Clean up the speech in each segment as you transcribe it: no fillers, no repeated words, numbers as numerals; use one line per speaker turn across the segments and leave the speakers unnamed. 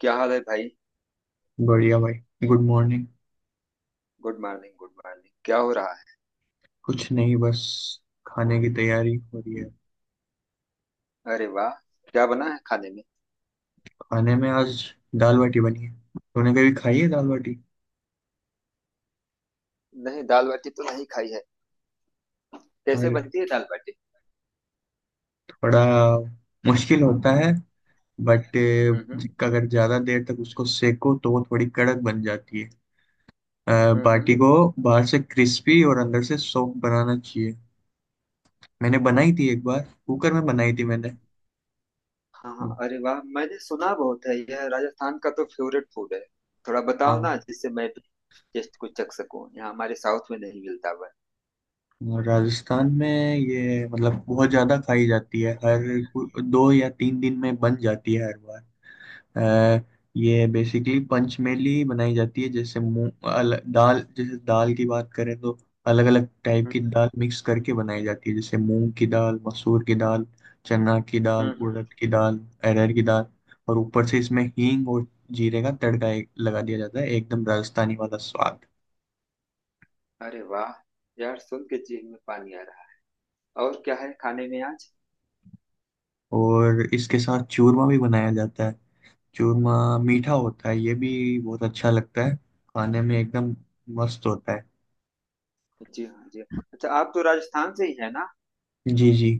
क्या हाल है भाई।
बढ़िया भाई। Good morning.
Good morning good morning, क्या हो रहा है।
कुछ नहीं, बस खाने की तैयारी हो रही है।
अरे वाह। क्या बना है खाने में।
खाने में आज दाल बाटी बनी है। तूने कभी खाई है दाल बाटी?
नहीं, दाल बाटी तो नहीं खाई है। कैसे
अरे
बनती है दाल बाटी।
थोड़ा मुश्किल होता है बट
हम्म। हम्म।
अगर ज्यादा देर तक उसको सेको तो वो थोड़ी कड़क बन जाती है,
हम्म। हम्म।
बाटी को। बाहर से क्रिस्पी और अंदर से सॉफ्ट बनाना चाहिए। मैंने बनाई थी एक बार, कुकर में बनाई थी मैंने।
हाँ हाँ, अरे वाह, मैंने सुना बहुत है, यह राजस्थान का तो फेवरेट फूड है। थोड़ा बताओ ना
हाँ।
जिससे मैं भी टेस्ट कुछ चख सकूं, यहाँ हमारे साउथ में नहीं मिलता हुआ।
और राजस्थान में ये मतलब बहुत ज़्यादा खाई जाती है, हर दो या तीन दिन में बन जाती है हर बार। अ, ये बेसिकली पंचमेली बनाई जाती है, जैसे मूंग दाल, जैसे दाल की बात करें तो अलग अलग टाइप
हम्म
की दाल मिक्स करके बनाई जाती है, जैसे मूंग की दाल, मसूर की दाल, चना की दाल,
हम्म।
उड़द की दाल, अरहर की दाल। और ऊपर से इसमें हींग और जीरे का तड़का लगा दिया जाता है, एकदम राजस्थानी वाला स्वाद।
अरे वाह। यार, सुन के जीभ में पानी आ रहा है। और क्या है खाने में आज।
और इसके साथ चूरमा भी बनाया जाता है।
हम्म।
चूरमा मीठा होता है ये भी, बहुत अच्छा लगता है खाने में, एकदम मस्त होता है।
जी हाँ, जी हाँ। अच्छा, आप तो राजस्थान से ही है ना।
जी जी।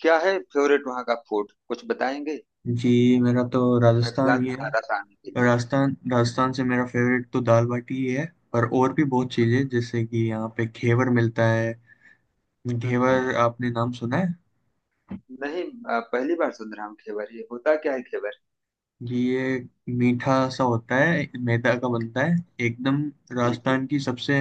क्या है फेवरेट वहाँ का फूड, कुछ बताएंगे।
जी मेरा तो
मैं प्लान
राजस्थान ही है।
बना रहा था आने के लिए।
राजस्थान राजस्थान से मेरा फेवरेट तो दाल बाटी ही है, पर और भी बहुत चीज़ें, जैसे कि यहाँ पे घेवर मिलता है।
हम्म।
घेवर, आपने नाम सुना है?
नहीं, पहली बार सुन रहा हूँ घेवर, ये होता क्या है घेवर।
जी ये मीठा सा होता है, मैदा का बनता है एकदम।
जी जी।
राजस्थान की सबसे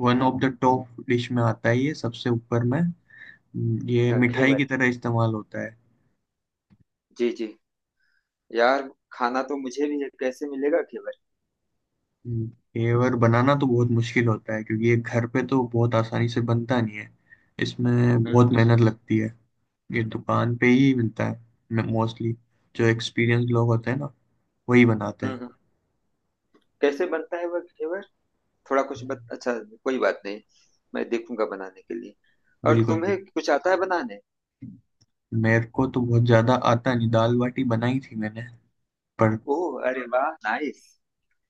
one of the top dish में आता है ये, सबसे ऊपर में। ये मिठाई की
घेवर।
तरह इस्तेमाल होता है।
जी जी। यार खाना तो मुझे भी है, कैसे मिलेगा घेवर।
हम्म। घेवर बनाना तो बहुत मुश्किल होता है क्योंकि ये घर पे तो बहुत आसानी से बनता नहीं है, इसमें बहुत
हम्म।
मेहनत लगती है। ये दुकान पे ही मिलता है मोस्टली। जो एक्सपीरियंस लोग होते हैं ना, वही बनाते
हम्म।
हैं।
हम्म। कैसे बनता है वह घेवर। अच्छा, कोई बात नहीं। मैं देखूंगा बनाने के लिए। और
बिल्कुल
तुम्हें
भी।
कुछ आता है बनाने।
मेरे को तो बहुत ज्यादा आता नहीं, दाल बाटी बनाई थी मैंने, पर
ओह, अरे वाह, नाइस।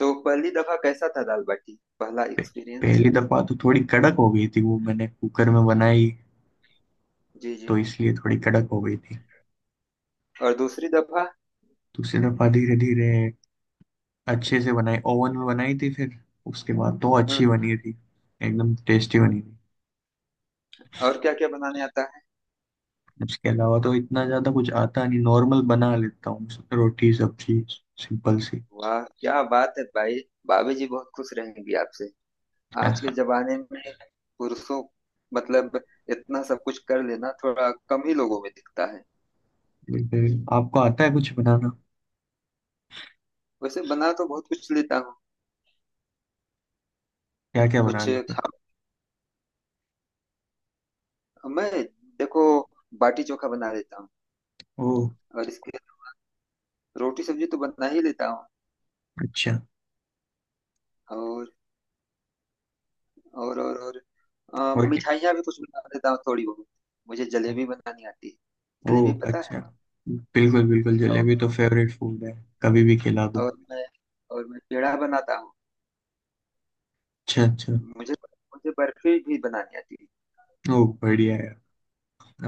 तो पहली दफा कैसा था दाल बाटी, पहला
पे,
एक्सपीरियंस।
पहली दफा तो थोड़ी कड़क हो गई थी। वो मैंने कुकर में बनाई,
जी जी।
तो इसलिए थोड़ी कड़क हो गई थी।
और दूसरी दफा।
दूसरी दफा धीरे धीरे अच्छे से बनाई, ओवन में बनाई थी फिर, उसके बाद तो अच्छी
हम्म।
बनी थी, एकदम टेस्टी बनी थी।
और क्या क्या बनाने आता है।
उसके अलावा तो इतना ज़्यादा कुछ आता नहीं, नॉर्मल बना लेता हूँ रोटी सब्जी, सिंपल सी।
वाह क्या बात है भाई। भाभी जी बहुत खुश रहेंगी आपसे, आज के जमाने में पुरुषों मतलब इतना सब कुछ कर लेना थोड़ा कम ही लोगों में दिखता है।
लेकिन आपको आता है कुछ बनाना?
वैसे बना तो बहुत कुछ लेता हूँ।
क्या क्या बना
कुछ
लेते हैं?
खा मैं देखो, बाटी चोखा बना लेता हूँ।
ओह
और इसके रोटी सब्जी तो बना ही लेता हूँ।
अच्छा।
और और
और क्या?
मिठाइयाँ भी कुछ बना लेता हूँ थोड़ी बहुत। मुझे जलेबी बनानी आती है। जलेबी
ओह
पता है।
अच्छा, बिल्कुल बिल्कुल,
और
जलेबी तो फेवरेट फूड है, कभी भी खिला दो।
और मैं और मैं पेड़ा बनाता हूँ।
अच्छा अच्छा।
मुझे मुझे बर्फी भी बनानी आती है।
ओह बढ़िया है।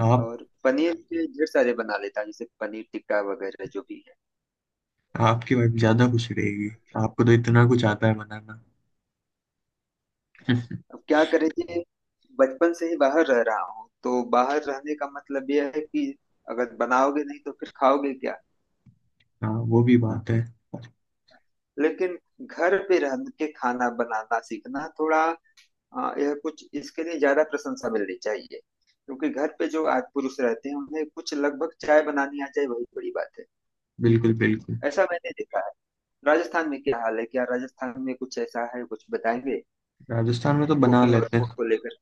आप,
और पनीर के ढेर सारे बना लेता हूँ, जैसे पनीर टिक्का वगैरह जो भी है।
आपकी वाइफ ज़्यादा खुश रहेगी, आपको तो इतना कुछ आता है बनाना।
अब क्या करें कि बचपन से ही बाहर रह रहा हूँ, तो बाहर रहने का मतलब यह है कि अगर बनाओगे नहीं तो फिर खाओगे क्या।
हाँ वो भी बात है।
लेकिन घर पे रह के खाना बनाना सीखना थोड़ा, यह कुछ इसके लिए ज्यादा प्रशंसा मिलनी चाहिए क्योंकि घर पे जो आज पुरुष रहते हैं उन्हें कुछ लगभग चाय बनानी आ जाए वही बड़ी बात है।
बिल्कुल बिल्कुल।
ऐसा मैंने देखा है। राजस्थान में क्या हाल है, क्या राजस्थान में कुछ ऐसा है कुछ बताएंगे
राजस्थान में तो बना
कुकिंग और
लेते
फूड
हैं।
को लेकर।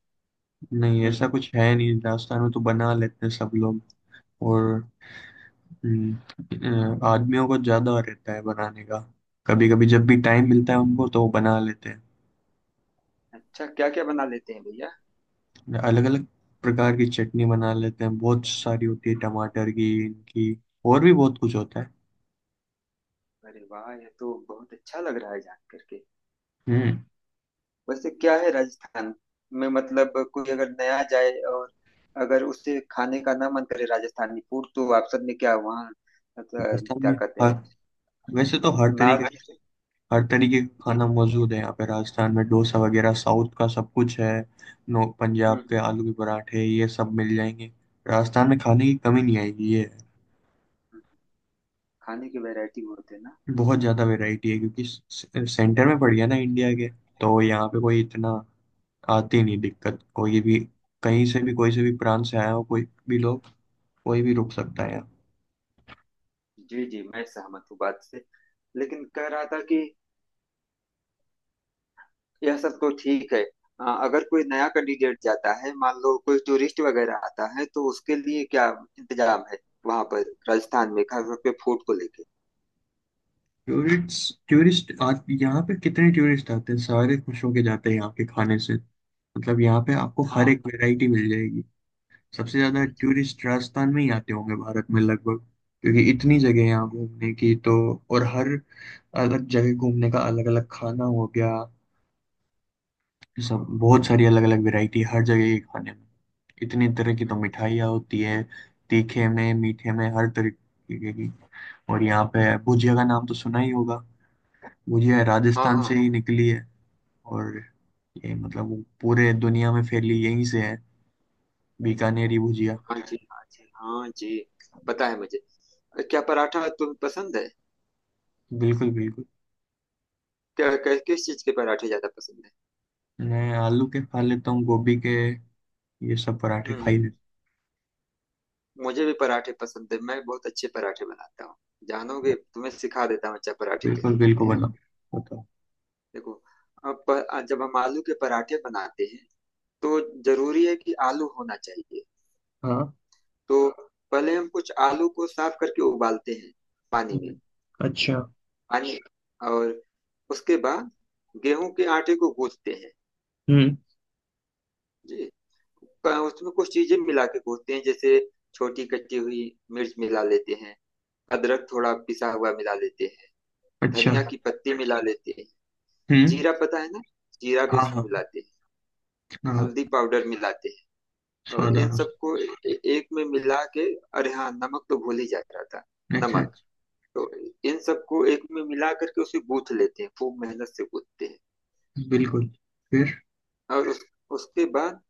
नहीं ऐसा
हम्म।
कुछ है नहीं, राजस्थान में तो बना लेते हैं सब लोग। और हम्म, आदमियों को ज्यादा रहता है बनाने का। कभी कभी जब भी टाइम मिलता है उनको तो वो बना लेते हैं।
अच्छा, क्या क्या बना लेते हैं भैया।
अलग अलग प्रकार की चटनी बना लेते हैं, बहुत सारी होती है, टमाटर की, इनकी, और भी बहुत कुछ होता है।
अरे वाह, ये तो बहुत अच्छा लग रहा है जान करके।
हम्म।
वैसे क्या है राजस्थान में, मतलब कोई अगर नया जाए और अगर उसे खाने का ना मन करे राजस्थानी फूड तो ऑप्शन में क्या है वहाँ, मतलब
राजस्थान
क्या
में
कहते
हर
हैं,
वैसे तो
नॉर्थ।
हर तरीके का
जी।
खाना मौजूद है यहाँ पे। राजस्थान में डोसा वगैरह साउथ का सब कुछ है। नो,
हम्म।
पंजाब के
हम्म।
आलू के पराठे, ये सब मिल जाएंगे। राजस्थान में खाने की कमी नहीं आएगी ये है।
हम्म। खाने की वैरायटी होते हैं ना।
बहुत ज़्यादा वैरायटी है क्योंकि सेंटर में पड़ गया ना इंडिया के, तो यहाँ पे कोई इतना आती नहीं दिक्कत कोई भी।
हम्म।
कहीं से भी, कोई से भी प्रांत से आया हो, कोई भी लोग, कोई भी रुक सकता है यहाँ।
जी जी, मैं सहमत हूँ बात से। लेकिन कह रहा था कि यह सब तो ठीक है, अगर कोई नया कैंडिडेट जाता है, मान लो कोई टूरिस्ट वगैरह आता है, तो उसके लिए क्या इंतजाम है वहां पर राजस्थान में खास तौर पे फूड को लेके।
टूरिस्ट टूरिस्ट आज यहाँ पे कितने टूरिस्ट आते हैं, सारे खुश होके जाते हैं यहाँ के खाने से। मतलब यहाँ पे आपको हर
हाँ।
एक वैरायटी मिल जाएगी। सबसे ज्यादा
जी जी।
टूरिस्ट राजस्थान में ही आते होंगे भारत में लगभग, क्योंकि इतनी जगह है यहाँ घूमने की। तो और हर अलग जगह घूमने का अलग अलग खाना हो गया। सब बहुत सारी अलग अलग वैरायटी हर जगह के खाने में। इतनी तरह की तो
हम्म।
मिठाइयाँ होती है, तीखे में मीठे में हर तरीके की। और यहाँ पे भुजिया का नाम तो सुना ही होगा। भुजिया
हाँ
राजस्थान
हाँ।
से ही निकली है। और ये मतलब वो पूरे दुनिया में फैली यहीं से है, बीकानेरी भुजिया।
हाँ जी, हाँ जी, हाँ जी। पता है मुझे। क्या पराठा तुम्हें पसंद है।
बिल्कुल बिल्कुल।
क्या क्या- किस चीज के पराठे ज्यादा पसंद है।
मैं आलू के खा लेता हूँ, गोभी के, ये सब पराठे खा ही
हम्म।
लेता
मुझे भी पराठे पसंद है, मैं बहुत अच्छे पराठे बनाता हूँ। जानोगे,
हूँ।
तुम्हें सिखा देता हूँ अच्छा पराठे कैसे
बिल्कुल
बनते
बिल्कुल,
हैं।
बताओ बताओ।
देखो, अब जब हम आलू के पराठे बनाते हैं तो जरूरी है कि आलू होना चाहिए।
हाँ।
तो पहले हम कुछ आलू को साफ करके उबालते हैं पानी में।
हम्म, अच्छा।
पानी और उसके बाद गेहूं के आटे को गूंथते हैं।
हम्म,
जी, उसमें कुछ चीजें मिला के गूंथते हैं, जैसे छोटी कटी हुई मिर्च मिला लेते हैं, अदरक थोड़ा पिसा हुआ मिला लेते हैं,
अच्छा।
धनिया की पत्ती मिला लेते हैं।
हम्म।
जीरा पता है ना, जीरा भी
हाँ
उसमें
हाँ।
मिलाते हैं,
हाँ,
हल्दी पाउडर मिलाते हैं। और
स्वाद
इन
अनुसार।
सबको एक में मिला के, अरे हाँ नमक तो भूल ही जा रहा था,
अच्छा,
नमक। तो इन सबको एक में मिला करके उसे गूंथ लेते हैं, खूब मेहनत से गूंथते हैं।
अच्छा बिल्कुल, फिर?
और उसके बाद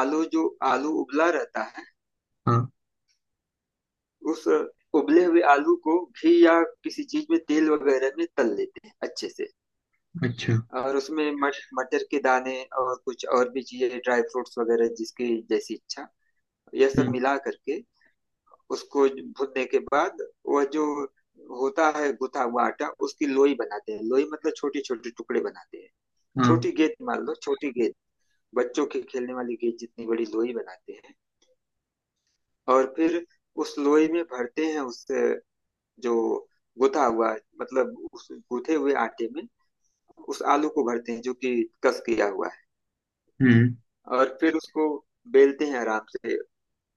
आलू जो आलू उबला रहता है,
हाँ।
उस उबले हुए आलू को घी या किसी चीज में तेल वगैरह में तल लेते हैं अच्छे से।
अच्छा।
और उसमें मटर के दाने और कुछ और भी चीजें ड्राई फ्रूट्स वगैरह जिसकी जैसी इच्छा, यह सब
हम्म।
मिला करके उसको भुनने के बाद, वह जो होता है गुथा हुआ आटा उसकी लोई बनाते हैं। लोई मतलब छोटे छोटे टुकड़े बनाते हैं,
हाँ।
छोटी गेंद मान लो, छोटी गेंद, बच्चों के खेलने वाली गेंद जितनी बड़ी लोई बनाते हैं। और फिर उस लोई में भरते हैं, उस जो गुथा हुआ, मतलब उस गुथे हुए आटे में उस आलू को भरते हैं जो कि कस किया हुआ है।
हम्म।
और फिर उसको बेलते हैं आराम से।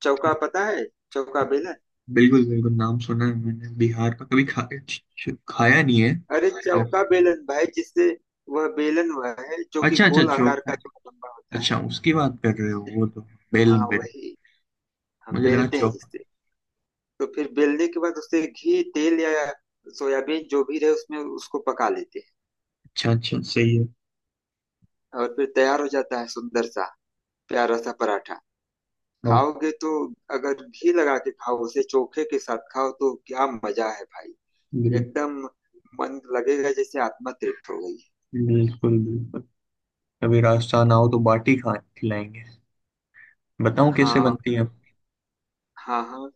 चौका पता है, चौका बेलन।
बिल्कुल बिल्कुल, नाम सुना है मैंने बिहार का, कभी खाया नहीं है,
अरे
पर।
चौका बेलन भाई, जिससे, वह बेलन वह है जो कि
अच्छा अच्छा,
गोल आकार
चोखा।
का जो लंबा होता है।
अच्छा, उसकी बात कर रहे हो, वो तो बेलन,
हाँ वही, हम
मुझे लगा
बेलते हैं
चोखा।
जिससे। तो फिर बेलने के बाद उससे घी तेल या सोयाबीन जो भी रहे उसमें उसको पका लेते
अच्छा अच्छा, सही है।
हैं, और फिर तैयार हो जाता है सुंदर सा प्यारा सा पराठा।
ओके।
खाओगे तो, अगर घी लगा के खाओ, उसे चोखे के साथ खाओ, तो क्या मजा है भाई।
बिल्कुल।
एकदम मन लगेगा, जैसे आत्मा तृप्त हो गई।
बिल्कुल बिल्कुल, कभी राजस्थान आओ तो बाटी खा खिलाएंगे। बताऊं कैसे
हाँ
बनती है?
हाँ। हाँ।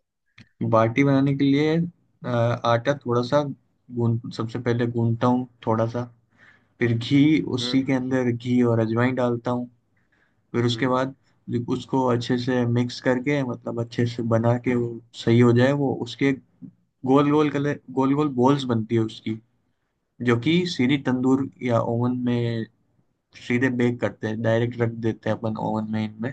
बाटी बनाने के लिए आटा थोड़ा सा गूंद सबसे पहले गूंदता हूँ थोड़ा सा, फिर घी,
हम्म
उसी के अंदर घी और अजवाइन डालता हूँ। फिर उसके
हम्म।
बाद उसको अच्छे से मिक्स करके, मतलब अच्छे से बना के, वो सही हो जाए वो, उसके गोल गोल कलर गोल गोल बॉल्स बनती है उसकी, जो कि सीधी तंदूर या ओवन में सीधे बेक करते हैं, डायरेक्ट रख देते हैं अपन ओवन में इनमें।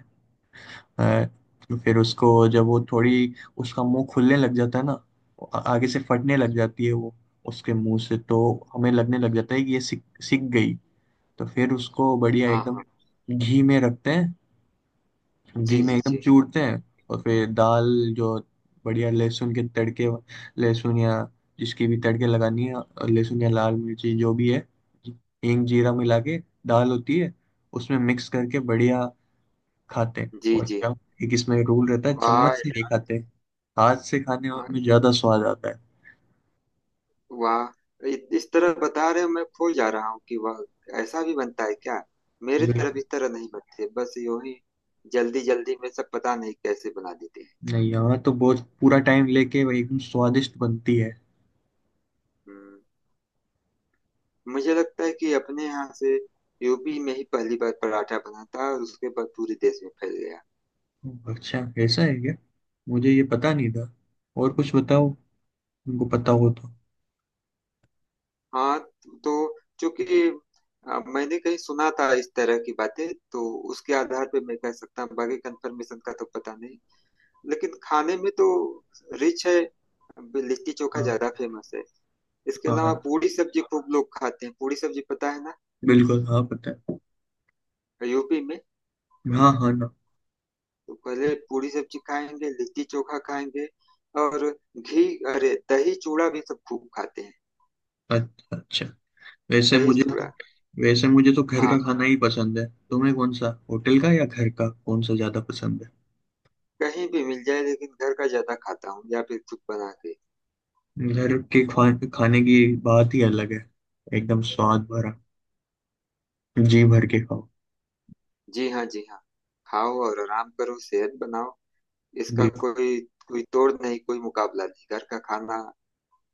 हाँ, तो फिर उसको जब वो थोड़ी उसका मुंह खुलने लग जाता है ना, आगे से फटने लग जाती है वो उसके मुंह से, तो हमें लगने लग जाता है कि ये सिक सिक गई। तो फिर उसको बढ़िया
हाँ
एकदम
हाँ।
घी में रखते हैं, घी
जी
में
जी।
एकदम
जी
चूरते हैं। और फिर दाल जो बढ़िया लहसुन के तड़के, लहसुन या जिसकी भी तड़के लगानी है, और लहसुन या लाल मिर्ची जो भी है, हींग जीरा मिला के दाल होती है, उसमें मिक्स करके बढ़िया खाते हैं।
जी
और
जी।
चम एक इसमें रूल रहता है, चम्मच
वाह।
से नहीं खाते, हाथ से खाने
यार,
में ज्यादा स्वाद आता है।
वाह, इस तरह बता रहे हो, मैं भूल जा रहा हूँ कि वाह, ऐसा भी बनता है क्या। मेरे तरफ
बिल्कुल।
इस तरह नहीं बनते, बस यूं ही जल्दी जल्दी में सब पता नहीं कैसे बना देते हैं।
नहीं यहाँ तो बहुत पूरा टाइम लेके वो एकदम स्वादिष्ट बनती है।
हम्म। मुझे लगता है कि अपने यहाँ से, यूपी में ही पहली बार पराठा बना था और उसके बाद पूरे देश में फैल गया।
अच्छा, ऐसा है क्या? मुझे ये पता नहीं था। और कुछ बताओ तुमको पता हो तो।
हाँ। तो चूंकि मैंने कहीं सुना था इस तरह की बातें, तो उसके आधार पे मैं कह सकता हूँ, बाकी कंफर्मेशन का तो पता नहीं। लेकिन खाने में तो रिच है, लिट्टी चोखा
हाँ
ज्यादा फेमस है। इसके
हाँ।
अलावा
हाँ,
पूरी सब्जी खूब लोग खाते हैं, पूरी सब्जी पता है ना,
बिल्कुल, हाँ पता है।
यूपी में।
हाँ हाँ ना।
तो पहले पूरी सब्जी खाएंगे, लिट्टी चोखा खाएंगे। और घी अरे, दही चूड़ा भी सब खूब खाते हैं,
अच्छा अच्छा। वैसे
दही
मुझे तो
चूड़ा।
वैसे मुझे तो घर
हाँ,
का खाना ही पसंद है। तुम्हें कौन सा, होटल का या घर का, कौन सा ज्यादा पसंद है?
कहीं भी मिल जाए, लेकिन घर का ज्यादा खाता हूँ या फिर खुद बना के।
घर के खाने की बात ही अलग है, एकदम स्वाद भरा, जी भर के खाओ।
जी हाँ, जी हाँ। खाओ और आराम करो, सेहत बनाओ। इसका
बिल्कुल।
कोई कोई तोड़ नहीं, कोई मुकाबला नहीं, घर का खाना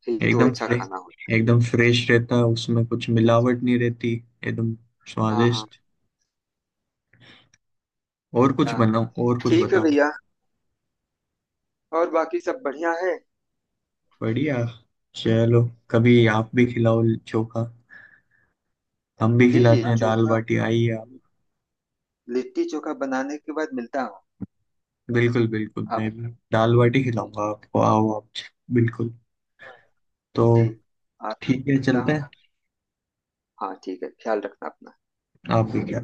ही तो
एकदम
अच्छा
फ्रेश
खाना होता है।
एकदम फ्रेश रहता है, उसमें कुछ
जी जी।
मिलावट नहीं रहती, एकदम
हाँ हाँ।
स्वादिष्ट। और कुछ
हाँ
बनाओ और कुछ
ठीक है
बताओ।
भैया, और बाकी सब बढ़िया है।
बढ़िया, चलो, कभी आप भी खिलाओ चोखा, हम भी
जी जी,
खिलाते हैं दाल
चोखा,
बाटी, आइए आप।
लिट्टी चोखा बनाने के बाद मिलता हूँ।
बिल्कुल बिल्कुल, मैं
आप,
भी दाल बाटी खिलाऊंगा आपको, आओ आप, बिल्कुल। तो
जी, आप,
ठीक है
मिलता
चलते
हूँ।
हैं।
हाँ ठीक है, ख्याल रखना अपना।
आप भी क्या।